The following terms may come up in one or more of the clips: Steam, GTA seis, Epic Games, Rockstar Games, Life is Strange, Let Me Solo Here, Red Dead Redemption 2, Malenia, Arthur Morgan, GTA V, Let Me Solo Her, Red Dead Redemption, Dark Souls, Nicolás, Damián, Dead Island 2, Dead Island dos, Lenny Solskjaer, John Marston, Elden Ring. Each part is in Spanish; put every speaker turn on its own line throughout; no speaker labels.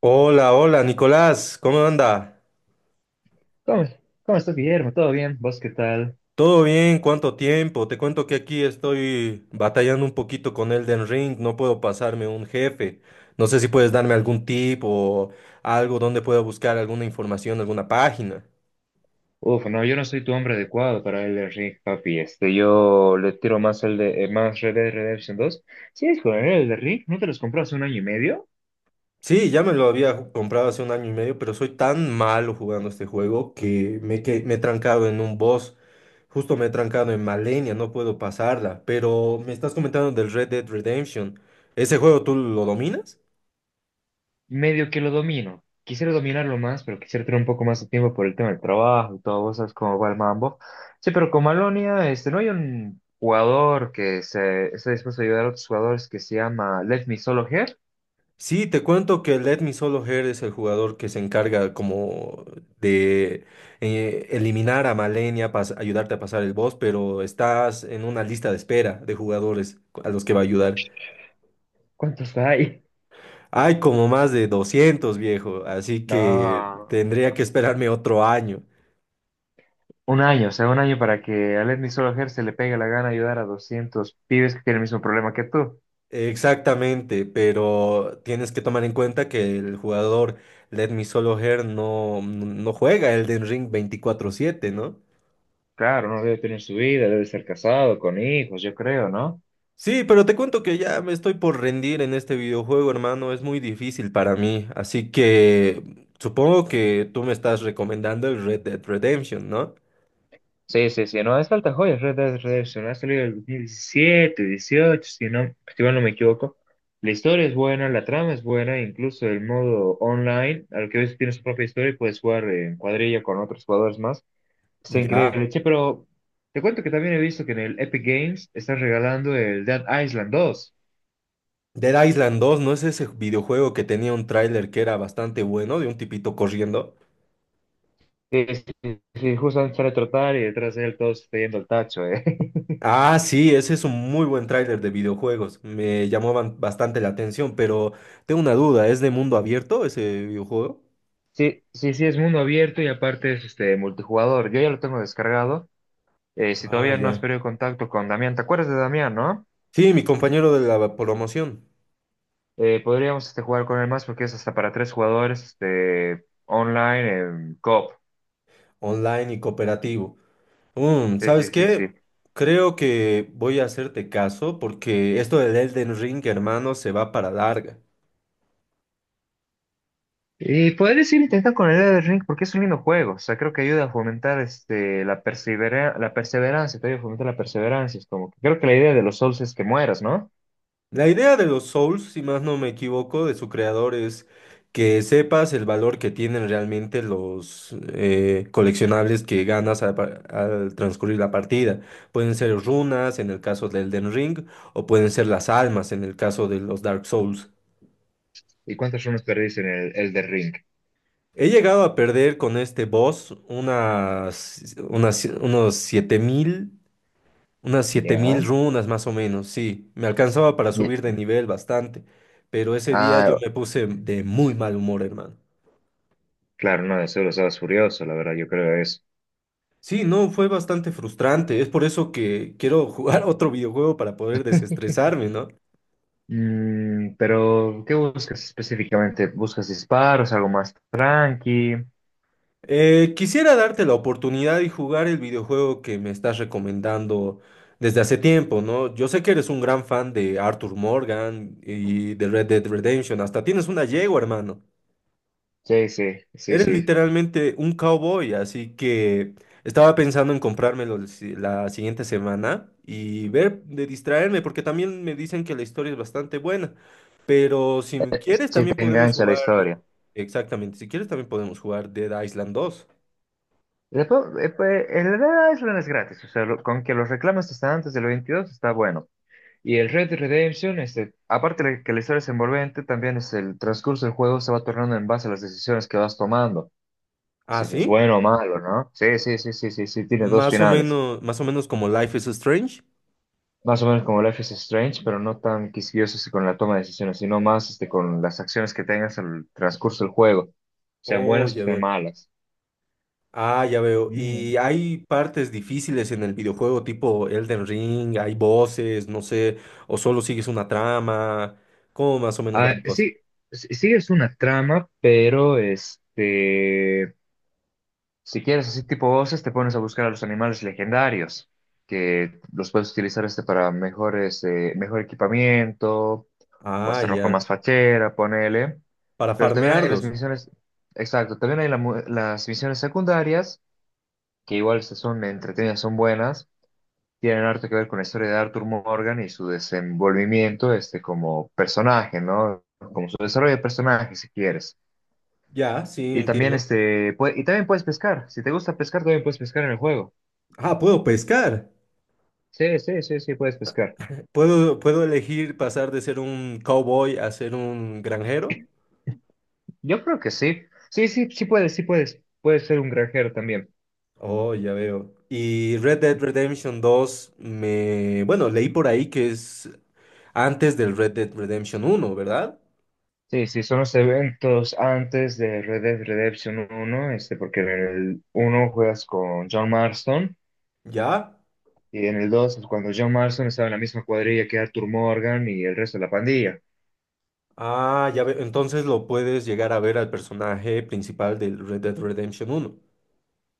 Hola, hola, Nicolás, ¿cómo anda?
¿Cómo, cómo estás, Guillermo? ¿Todo bien? ¿Vos qué tal?
¿Todo bien? ¿Cuánto tiempo? Te cuento que aquí estoy batallando un poquito con Elden Ring, no puedo pasarme un jefe. No sé si puedes darme algún tip o algo donde pueda buscar alguna información, alguna página.
Uf, no, yo no soy tu hombre adecuado para el ring, papi. Este, yo le tiro más el de más Red Dead Redemption 2. Sí, es con el de ring, ¿no te los compró hace un año y medio?
Sí, ya me lo había comprado hace un año y medio, pero soy tan malo jugando este juego que me he trancado en un boss. Justo me he trancado en Malenia, no puedo pasarla. Pero me estás comentando del Red Dead Redemption. ¿Ese juego tú lo dominas?
Medio que lo domino. Quisiera dominarlo más, pero quisiera tener un poco más de tiempo por el tema del trabajo y todo, vos sabes cómo va el mambo. Sí, pero con Malonia, este, no hay un jugador que se esté dispuesto a ayudar a otros jugadores que se llama Let Me Solo Here.
Sí, te cuento que Let Me Solo Her es el jugador que se encarga como de eliminar a Malenia para ayudarte a pasar el boss, pero estás en una lista de espera de jugadores a los que va a ayudar.
¿Cuántos hay?
Hay como más de 200 viejo, así que
No.
tendría que esperarme otro año.
Un año, o sea, un año para que a Lenny Solskjaer se le pegue la gana de ayudar a 200 pibes que tienen el mismo problema que tú.
Exactamente, pero tienes que tomar en cuenta que el jugador Let Me Solo Her no, no juega Elden Ring 24/7, ¿no?
Claro, no debe tener su vida, debe ser casado, con hijos, yo creo, ¿no?
Sí, pero te cuento que ya me estoy por rendir en este videojuego, hermano. Es muy difícil para mí. Así que supongo que tú me estás recomendando el Red Dead Redemption, ¿no?
Sí, sí, sí, no, es falta joyas, Red Dead Redemption, ha salido en el 2017, 18, si no, si mal no me equivoco. La historia es buena, la trama es buena, incluso el modo online, al que ves tiene su propia historia y puedes jugar en cuadrilla con otros jugadores más. Está
Ya.
increíble, che, pero te cuento que también he visto que en el Epic Games están regalando el Dead Island 2.
Dead Island dos, ¿no es ese videojuego que tenía un tráiler que era bastante bueno de un tipito corriendo?
Sí, sí, sí, justamente sale a trotar y detrás de él todos está yendo al tacho, ¿eh?
Ah, sí, ese es un muy buen tráiler de videojuegos. Me llamaban bastante la atención, pero tengo una duda, ¿es de mundo abierto ese videojuego?
Sí, sí, sí, es mundo abierto y aparte es este multijugador. Yo ya lo tengo descargado. Si
Ah,
todavía no has
ya.
perdido contacto con Damián, ¿te acuerdas de Damián, no?
Sí, mi compañero de la promoción,
Podríamos este, jugar con él más porque es hasta para tres jugadores este, online en co.
online y cooperativo. Mm,
Sí, sí,
¿sabes
sí,
qué?
sí.
Creo que voy a hacerte caso porque esto del Elden Ring, hermano, se va para larga.
Y podrías ir intentando con el Elden Ring porque es un lindo juego. O sea, creo que ayuda a fomentar este, la perseverancia, te ayuda a fomentar la perseverancia. Es como que creo que la idea de los Souls es que mueras, ¿no?
La idea de los Souls, si más no me equivoco, de su creador es que sepas el valor que tienen realmente los coleccionables que ganas al transcurrir la partida. Pueden ser runas en el caso del Elden Ring o pueden ser las almas en el caso de los Dark Souls.
¿Y cuántos runes perdiste en el Elder Ring?
He llegado a perder con este boss unos 7.000. Unas 7.000
Ya.
runas más o menos, sí. Me alcanzaba para
Y.
subir de nivel bastante, pero ese día yo
Ah,
me puse de muy mal humor, hermano.
claro, no, eso lo estabas furioso, la verdad, yo creo eso.
Sí, no, fue bastante frustrante. Es por eso que quiero jugar otro videojuego para poder desestresarme, ¿no?
Mm, pero, ¿qué buscas específicamente? ¿Buscas disparos, algo más tranqui?
Quisiera darte la oportunidad y jugar el videojuego que me estás recomendando desde hace tiempo, ¿no? Yo sé que eres un gran fan de Arthur Morgan y de Red Dead Redemption. Hasta tienes una yegua, hermano.
Sí, sí, sí,
Eres
sí.
literalmente un cowboy, así que estaba pensando en comprármelo el si- la siguiente semana y ver de distraerme, porque también me dicen que la historia es bastante buena. Pero si me quieres,
Sí
también
te
podemos
engancha la
jugar,
historia.
exactamente, si quieres, también podemos jugar Dead Island dos.
Después, pues, el Red Dead Island es gratis, o sea, lo- con que los reclamos están antes del 22 está bueno. Y el Red Dead Redemption, este, aparte de que la historia es envolvente, también es el transcurso del juego se va tornando en base a las decisiones que vas tomando.
Ah,
Si eso es
¿sí?
bueno o malo, ¿no? Sí, sí, sí, sí, sí, sí, tiene dos finales.
Más o menos como Life is Strange.
Más o menos como Life is Strange, pero no tan quisquillosos con la toma de decisiones, sino más este, con las acciones que tengas al transcurso del juego, sean
Oh,
buenas o
ya
sean
veo.
malas.
Ah, ya veo.
Mm.
Y hay partes difíciles en el videojuego, tipo Elden Ring, ¿hay voces, no sé, o solo sigues una trama? ¿Cómo más o menos va
Ah,
la cosa?
sí, sí, sí es una trama, pero este, si quieres así tipo voces, te pones a buscar a los animales legendarios, que los puedes utilizar este para mejores, mejor equipamiento o
Ah,
hasta ropa
ya.
más fachera, ponele.
Para
Pero también hay las
farmearlos.
misiones, exacto, también hay la mu- las misiones secundarias, que igual se- son entretenidas, son buenas, tienen harto que ver con la historia de Arthur Morgan y su desenvolvimiento este, como personaje, ¿no? Como su desarrollo de personaje, si quieres.
Ya, sí,
Y también,
entiendo.
este, pue- y también puedes pescar, si te gusta pescar, también puedes pescar en el juego.
Ah, puedo pescar.
Sí, sí, sí, sí, puedes pescar.
¿Puedo elegir pasar de ser un cowboy a ser un granjero?
Yo creo que sí. Sí, sí, sí puedes, sí puedes. Puedes ser un granjero también.
Oh, ya veo. Y Red Dead Redemption dos, me... Bueno, leí por ahí que es antes del Red Dead Redemption uno, ¿verdad?
Sí, sí, son los eventos antes de Red Dead Redemption uno este, porque en el uno juegas con John Marston
¿Ya?
y en el 2 es cuando John Marston estaba en la misma cuadrilla que Arthur Morgan y el resto de la pandilla.
Ah, ya veo. Entonces lo puedes llegar a ver al personaje principal del Red Dead Redemption uno.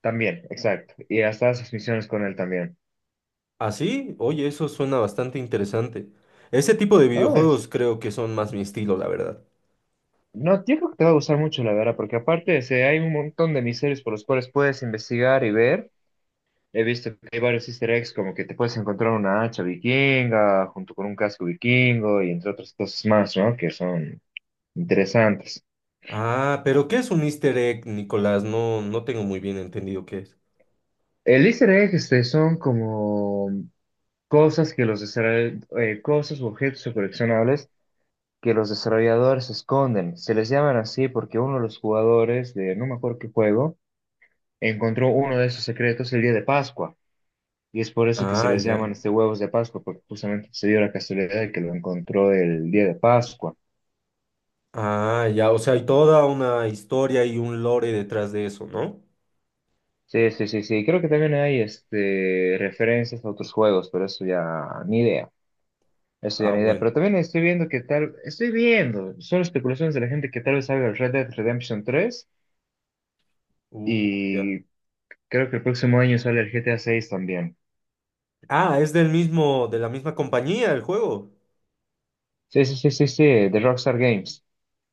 También, exacto. Y hasta haces misiones con él también.
Así, oye, eso suena bastante interesante. Ese tipo de
No, es,
videojuegos creo que son más mi estilo, la verdad.
no, yo creo que te va a gustar mucho, la verdad, porque aparte este, hay un montón de misterios por los cuales puedes investigar y ver. He visto que hay varios easter eggs, como que te puedes encontrar una hacha vikinga junto con un casco vikingo y entre otras cosas más, ¿no? Que son interesantes.
Ah, pero ¿qué es un Easter egg, Nicolás? No, no tengo muy bien entendido qué es.
El easter egg este, son como cosas que los desarroll- cosas u objetos o coleccionables que los desarrolladores esconden. Se les llaman así porque uno de los jugadores de no me acuerdo qué juego encontró uno de esos secretos el día de Pascua. Y es por eso que se
Ah,
les
ya.
llaman este huevos de Pascua, porque justamente se dio la casualidad de que lo encontró el día de Pascua.
Ah, ya. O sea, hay toda una historia y un lore detrás de eso, ¿no?
Sí, sí, sí, sí. Creo que también hay este, referencias a otros juegos, pero eso ya ni idea. Esa
Ah, bueno.
pero también estoy viendo que tal, estoy viendo, son especulaciones de la gente que tal vez salga el Red Dead Redemption 3
Ya.
y creo que el próximo año sale el GTA seis también.
Ah, es del mismo, de la misma compañía el juego.
Sí, sí, sí, sí, sí, de Rockstar Games.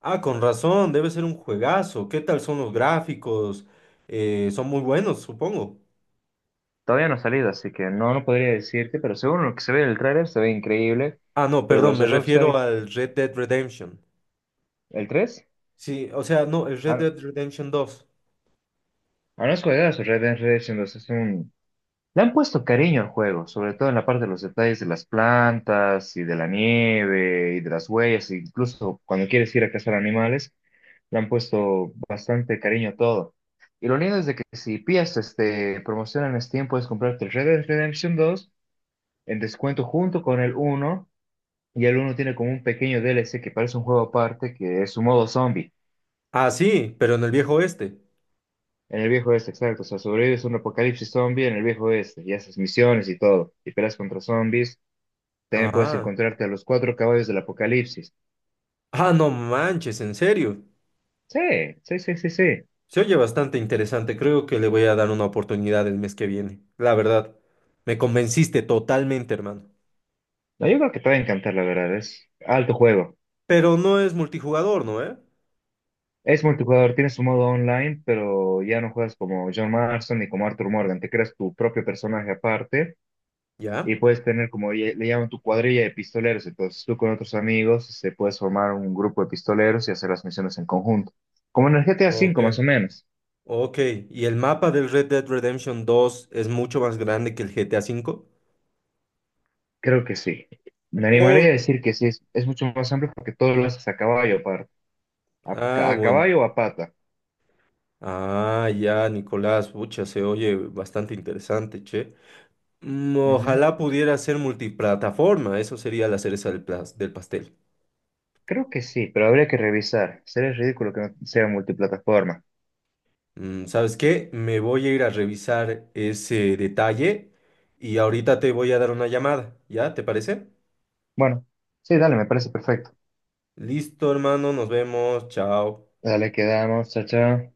Ah, con razón, debe ser un juegazo. ¿Qué tal son los gráficos? Son muy buenos, supongo.
Todavía no ha salido, así que no, no podría decirte, pero según lo que se ve en el trailer se ve increíble.
Ah, no,
Pero
perdón,
los de
me
Rockstar,
refiero al Red Dead Redemption.
¿el tres?
Sí, o sea, no, el Red
Ah, no,
Dead Redemption dos.
ah, no, es juegazo, Red Dead Redemption 2 es un. Le han puesto cariño al juego, sobre todo en la parte de los detalles de las plantas y de la nieve y de las huellas, e incluso cuando quieres ir a cazar animales, le han puesto bastante cariño a todo. Y lo lindo es de que si pillas este, promoción en Steam, puedes comprarte el Red Dead Redemption 2 en descuento junto con el uno y el uno tiene como un pequeño DLC que parece un juego aparte, que es su modo zombie.
Ah, sí, pero en el viejo oeste.
En el viejo oeste, exacto. O sea, sobrevives a un apocalipsis zombie en el viejo oeste y haces misiones y todo. Y peleas contra zombies. También puedes
Ah,
encontrarte a los cuatro caballos del Apocalipsis.
ah, no manches, en serio.
Sí, sí, sí, sí, sí.
Se oye bastante interesante. Creo que le voy a dar una oportunidad el mes que viene. La verdad, me convenciste totalmente, hermano.
No, yo creo que te va a encantar, la verdad. Es alto juego.
Pero no es multijugador, ¿no, eh?
Es multijugador, tiene su modo online, pero ya no juegas como John Marston ni como Arthur Morgan. Te creas tu propio personaje aparte y
¿Ya?
puedes tener como lle- le llaman tu cuadrilla de pistoleros. Entonces tú con otros amigos se puedes formar un grupo de pistoleros y hacer las misiones en conjunto. Como en el GTA
Ok.
V, más o menos.
Ok, ¿y el mapa del Red Dead Redemption 2 es mucho más grande que el GTA V?
Creo que sí. Me animaría
Oh,
a decir que sí, es mucho más amplio porque todo lo haces a caballo aparte. ¿A,
ah,
ca- a
bueno.
caballo o a pata?
Ah, ya, Nicolás, pucha, se oye bastante interesante, che. Mm,
Ujú.
ojalá pudiera ser multiplataforma, eso sería la cereza del pastel.
Creo que sí, pero habría que revisar. Sería ridículo que no sea multiplataforma.
Mm, ¿sabes qué? Me voy a ir a revisar ese detalle y ahorita te voy a dar una llamada, ¿ya? ¿Te parece?
Bueno, sí, dale, me parece perfecto.
Listo, hermano, nos vemos, chao.
Dale, quedamos. Chao, chao.